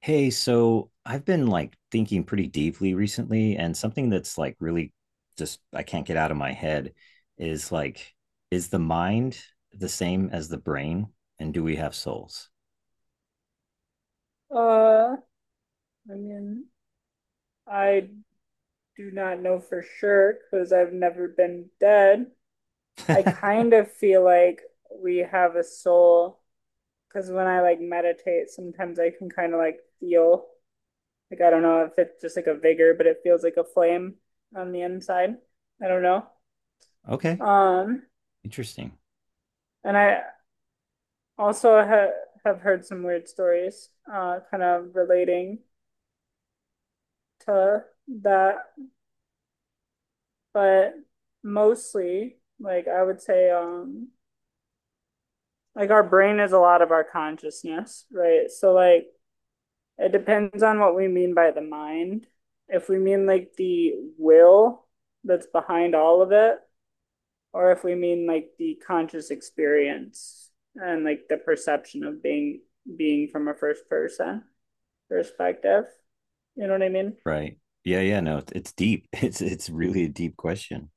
Hey, so I've been like thinking pretty deeply recently, and something that's like really just, I can't get out of my head is like, is the mind the same as the brain? And do we have souls? Uh, I mean, I do not know for sure because I've never been dead. I kind of feel like we have a soul because when I like meditate, sometimes I can kind of like feel like I don't know if it's just like a vigor, but it feels like a flame on the inside. I don't know. Okay, Um, interesting. and I also ha have heard some weird stories, kind of relating to that. But mostly, like I would say, like our brain is a lot of our consciousness, right? So like it depends on what we mean by the mind. If we mean like the will that's behind all of it, or if we mean like the conscious experience and like the perception of being from a first person perspective. You know what I mean? Right. Yeah, yeah, no, it's deep. It's really a deep question.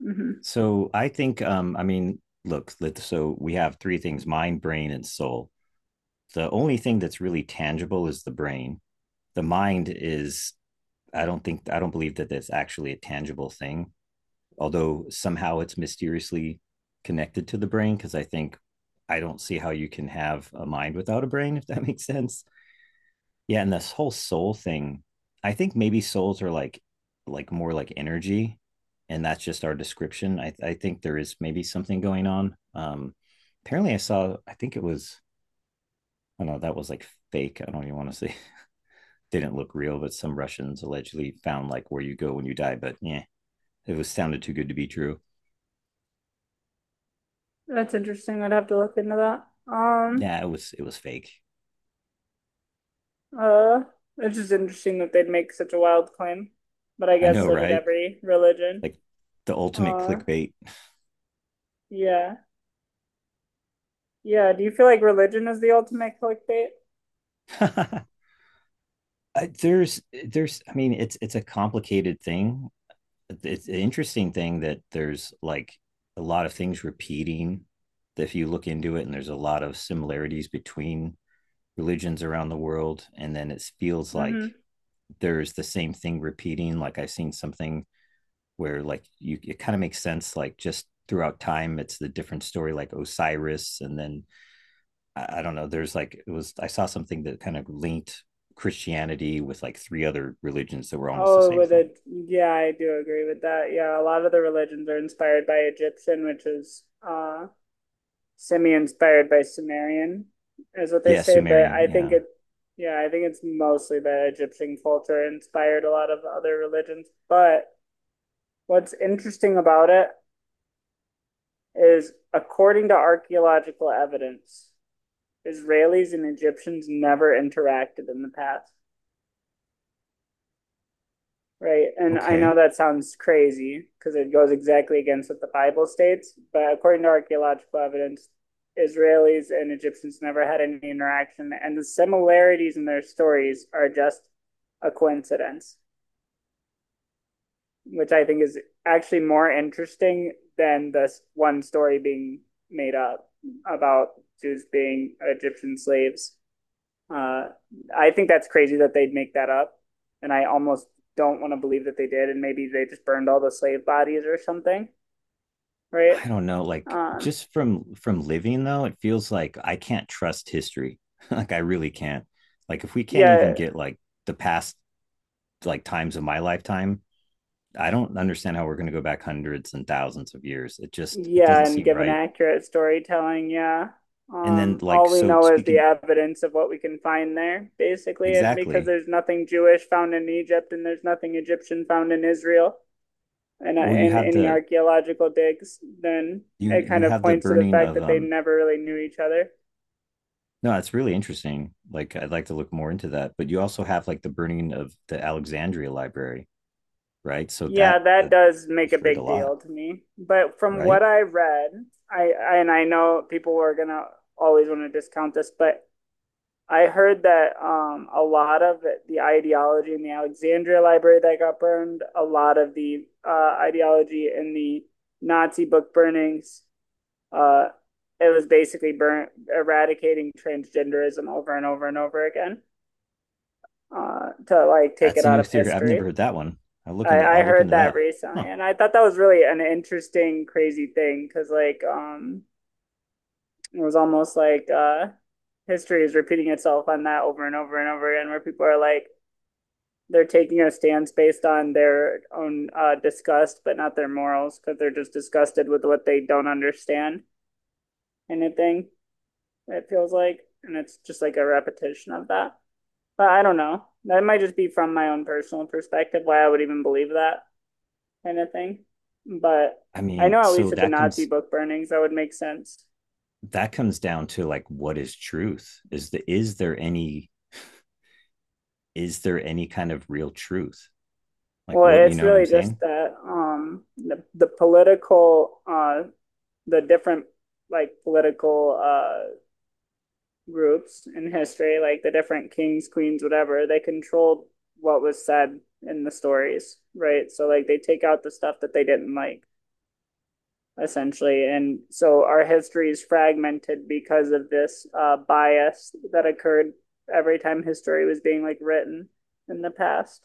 Hmm. So I think I mean, look, so we have three things, mind, brain, and soul. The only thing that's really tangible is the brain. The mind is I don't believe that that's actually a tangible thing, although somehow it's mysteriously connected to the brain because I don't see how you can have a mind without a brain if that makes sense. Yeah, and this whole soul thing, I think maybe souls are like more like energy, and that's just our description. I think there is maybe something going on. Apparently I think it was, I don't know, that was like fake. I don't even want to say didn't look real, but some Russians allegedly found like where you go when you die, but yeah, it was sounded too good to be true. That's interesting. I'd have to look into that. Um, Nah, it was fake. Uh, it's just interesting that they'd make such a wild claim, but I I guess know, so did right? every religion. Like the ultimate Uh, clickbait. yeah. Yeah, do you feel like religion is the ultimate clickbait? There's I mean it's a complicated thing. It's an interesting thing that there's like a lot of things repeating if you look into it, and there's a lot of similarities between religions around the world, and then it feels like Mm-hmm. there's the same thing repeating. Like I've seen something where like you, it kind of makes sense, like just throughout time it's the different story, like Osiris, and then I don't know, there's like it was, I saw something that kind of linked Christianity with like three other religions that were almost the Oh, same with thing. a yeah, I do agree with that. Yeah, a lot of the religions are inspired by Egyptian, which is semi-inspired by Sumerian, is what they Yeah, say, but Sumerian, I think yeah. it yeah, I think it's mostly that Egyptian culture inspired a lot of other religions. But what's interesting about it is according to archaeological evidence, Israelis and Egyptians never interacted in the past, right? And I know Okay, that sounds crazy because it goes exactly against what the Bible states, but according to archaeological evidence, Israelis and Egyptians never had any interaction, and the similarities in their stories are just a coincidence, which I think is actually more interesting than this one story being made up about Jews being Egyptian slaves. Uh, I think that's crazy that they'd make that up, and I almost don't want to believe that they did. And maybe they just burned all the slave bodies or something, right? I don't know, like Um, just from living though, it feels like I can't trust history. Like I really can't, like if we can't yeah, even get like the past, like times of my lifetime, I don't understand how we're going to go back hundreds and thousands of years. It just, it Yeah, doesn't and seem given right. accurate storytelling, yeah. And then like All we so know is the speaking, evidence of what we can find there, basically, and because exactly. there's nothing Jewish found in Egypt and there's nothing Egyptian found in Israel and Well, you in have any the, archaeological digs, then you it you kind of have the points to the burning fact of that they never really knew each other. no, it's really interesting. Like I'd like to look more into that, but you also have like the burning of the Alexandria library, right? So Yeah, that, that does make a destroyed a big lot, deal to me. But from right? what I read, I and I know people are gonna always want to discount this, but I heard that a lot of the ideology in the Alexandria Library that got burned, a lot of the ideology in the Nazi book burnings, uh, it was basically burn eradicating transgenderism over and over and over again, to like take That's it a out new of theory. I've never history. heard that one. I I'll look heard into that that. recently, Huh. and I thought that was really an interesting, crazy thing because like it was almost like history is repeating itself on that over and over and over again, where people are like they're taking a stance based on their own disgust, but not their morals, because they're just disgusted with what they don't understand. Anything it feels like, and it's just like a repetition of that. But I don't know. That might just be from my own personal perspective why I would even believe that kind of thing. But I I mean, know at so least with the that Nazi comes, book burnings, that would make sense. that comes down to like, what is truth? Is there any, is there any kind of real truth? Like, Well, what, you it's know what I'm really saying? just that the political the different like political groups in history, like the different kings, queens, whatever, they controlled what was said in the stories, right? So like they take out the stuff that they didn't like essentially. And so our history is fragmented because of this bias that occurred every time history was being like written in the past.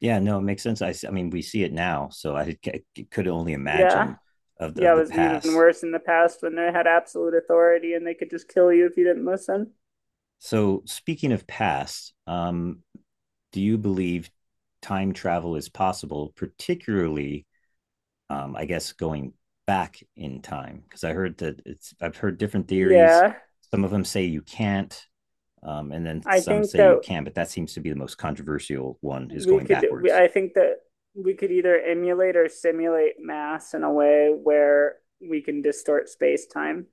Yeah, no, it makes sense. I mean, we see it now, so I could only Yeah. imagine of Yeah, it the was even past. worse in the past when they had absolute authority and they could just kill you if you didn't listen. So, speaking of past, do you believe time travel is possible, particularly, I guess, going back in time? Because I've heard different theories. Yeah. Some of them say you can't. And then I some think say you that can, but that seems to be the most controversial one is going backwards. I think that we could either emulate or simulate mass in a way where we can distort space-time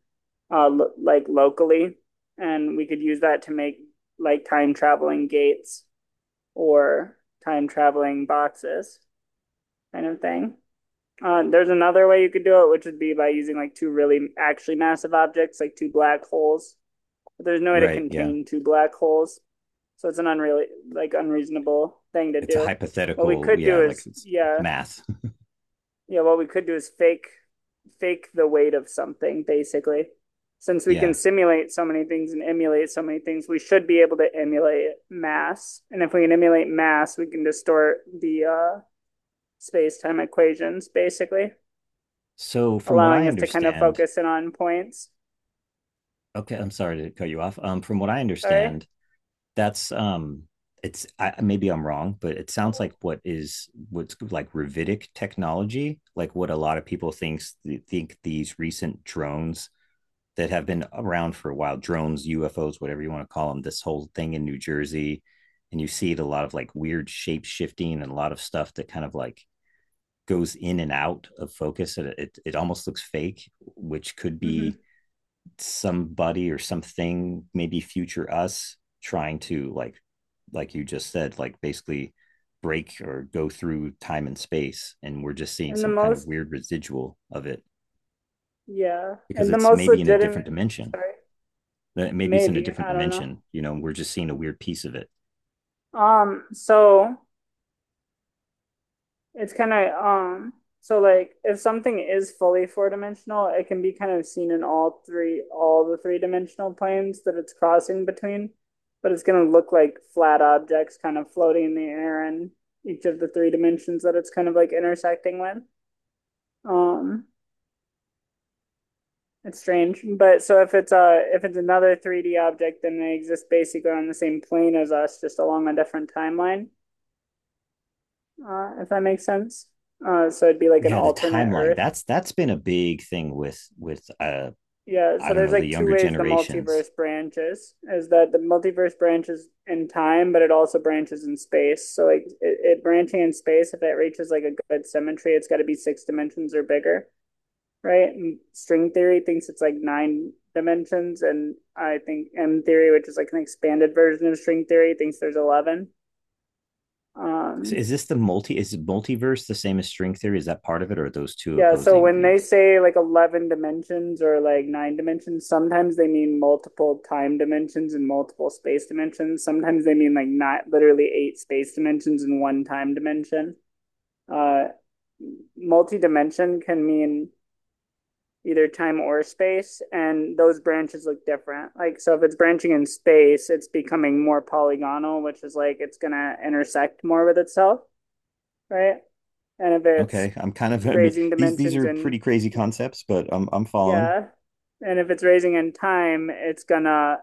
lo like locally, and we could use that to make like time traveling gates or time traveling boxes kind of thing. There's another way you could do it, which would be by using like two really actually massive objects, like two black holes, but there's no way to Right. Yeah. contain two black holes. So it's an unreal like unreasonable thing to It's a do. What we hypothetical. could do Yeah. Like is it's yeah, math. yeah, what we could do is fake the weight of something basically. Since we can Yeah. simulate so many things and emulate so many things, we should be able to emulate mass. And if we can emulate mass, we can distort the space-time equations basically, So from what I allowing us to kind of understand, focus in on points. okay, I'm sorry to cut you off. From what I Sorry. understand, that's, um, maybe I'm wrong, but it sounds like what's like Ravitic technology, like what a lot of people think these recent drones that have been around for a while, drones, UFOs, whatever you want to call them, this whole thing in New Jersey, and you see it a lot of like weird shape shifting and a lot of stuff that kind of like goes in and out of focus, and it almost looks fake, which could Mm-hmm. be somebody or something, maybe future us, trying to like you just said, like basically break or go through time and space, and we're just seeing And the some kind of most weird residual of it Yeah, because and the it's most maybe in a different legitimate, dimension. sorry, Maybe it's in a maybe, different I don't know. dimension. You know, we're just seeing a weird piece of it. So it's kind of so like if something is fully four dimensional, it can be kind of seen in all the three dimensional planes that it's crossing between, but it's gonna look like flat objects kind of floating in the air in each of the three dimensions that it's kind of like intersecting with. Um, It's strange, but so if it's a if it's another 3D object, then they exist basically on the same plane as us, just along a different timeline. If that makes sense. So it'd be like an Yeah, the alternate timeline. Earth. That's been a big thing with uh, Yeah. I So don't there's know, the like two younger ways the generations. multiverse branches is that the multiverse branches in time, but it also branches in space. So like it branching in space, if it reaches like a good symmetry, it's got to be six dimensions or bigger, right? And string theory thinks it's like nine dimensions, and I think M theory, which is like an expanded version of string theory, thinks there's 11. So Um, is this the multi? Is multiverse the same as string theory? Is that part of it, or are those two yeah, so opposing when they views? say like 11 dimensions or like nine dimensions, sometimes they mean multiple time dimensions and multiple space dimensions. Sometimes they mean like not literally eight space dimensions and one time dimension. Uh, multi dimension can mean either time or space, and those branches look different. Like, so if it's branching in space, it's becoming more polygonal, which is like it's going to intersect more with itself, right? And if it's Okay, I'm kind of, I mean, raising these dimensions are in, pretty crazy concepts, but I'm following. yeah, and if it's raising in time, it's going to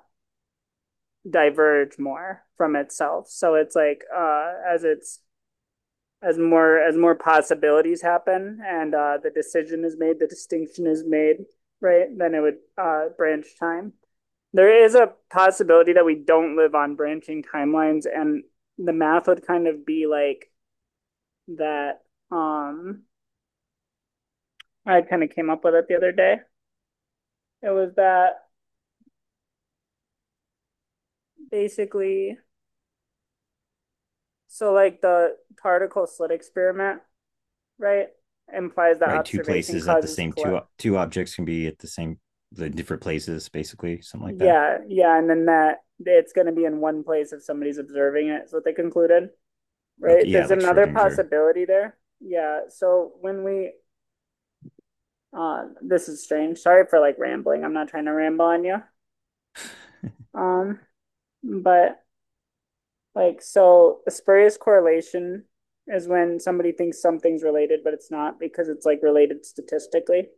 diverge more from itself. So it's like as it's as more possibilities happen and the decision is made, the distinction is made, right? Then it would branch time. There is a possibility that we don't live on branching timelines, and the math would kind of be like that. Um, I kind of came up with it the other day. It was that basically, so like the particle slit experiment, right, implies that Right, two observation places at the causes same, two collapse. two objects can be at the same, the different places, basically something like that. Yeah, and then that it's going to be in one place if somebody's observing it, is what they concluded, right? Okay, yeah, There's like another Schrodinger. possibility there. Yeah, so when we this is strange. Sorry for like rambling. I'm not trying to ramble on you. Um, but like, so a spurious correlation is when somebody thinks something's related, but it's not because it's like related statistically,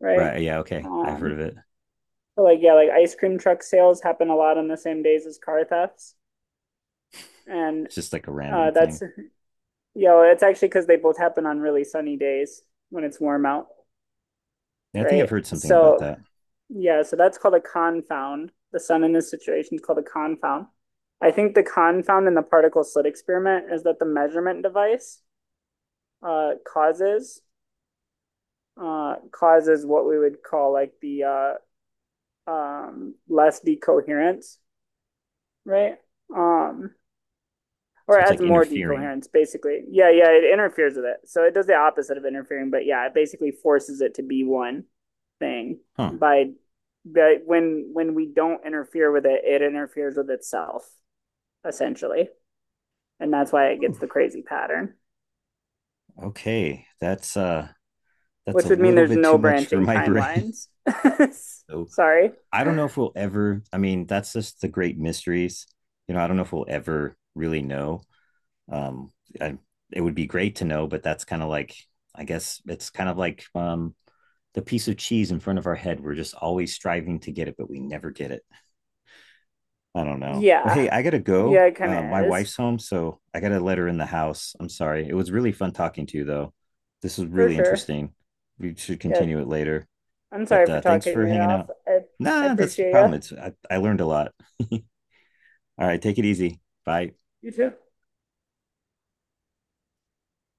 right? Right, yeah, okay, I've heard Um, of it. so like, yeah, like ice cream truck sales happen a lot on the same days as car thefts. And It's just like a random that's, thing. you know, it's actually because they both happen on really sunny days when it's warm out, Yeah, I think I've right? heard something about So that. yeah, so that's called a confound. The sun in this situation is called a confound. I think the confound in the particle slit experiment is that the measurement device uh, causes causes what we would call like the less decoherence, right? Um, So or it's adds like more interfering. decoherence basically, yeah, yeah, it interferes with it, so it does the opposite of interfering, but yeah, it basically forces it to be one thing Huh. by when we don't interfere with it, it interferes with itself essentially, and that's why it Whew. gets the crazy pattern, Okay. That's, uh, that's which a would mean little there's bit too no much for branching my brain. timelines. So Sorry. I don't know if we'll ever, I mean, that's just the great mysteries. You know, I don't know if we'll ever really know. Um, I, it would be great to know, but that's kind of like, I guess it's kind of like, um, the piece of cheese in front of our head. We're just always striving to get it, but we never get it. I don't know. Well, Yeah, hey, I gotta go. yeah, it kind My of is, wife's home, so I gotta let her in the house. I'm sorry. It was really fun talking to you, though. This was for really sure. interesting. We should Yeah, continue it later. I'm But sorry for thanks talking for your ear hanging off. out. i, I Nah, that's the appreciate you. problem. It's I learned a lot. All right, take it easy. Bye. You too.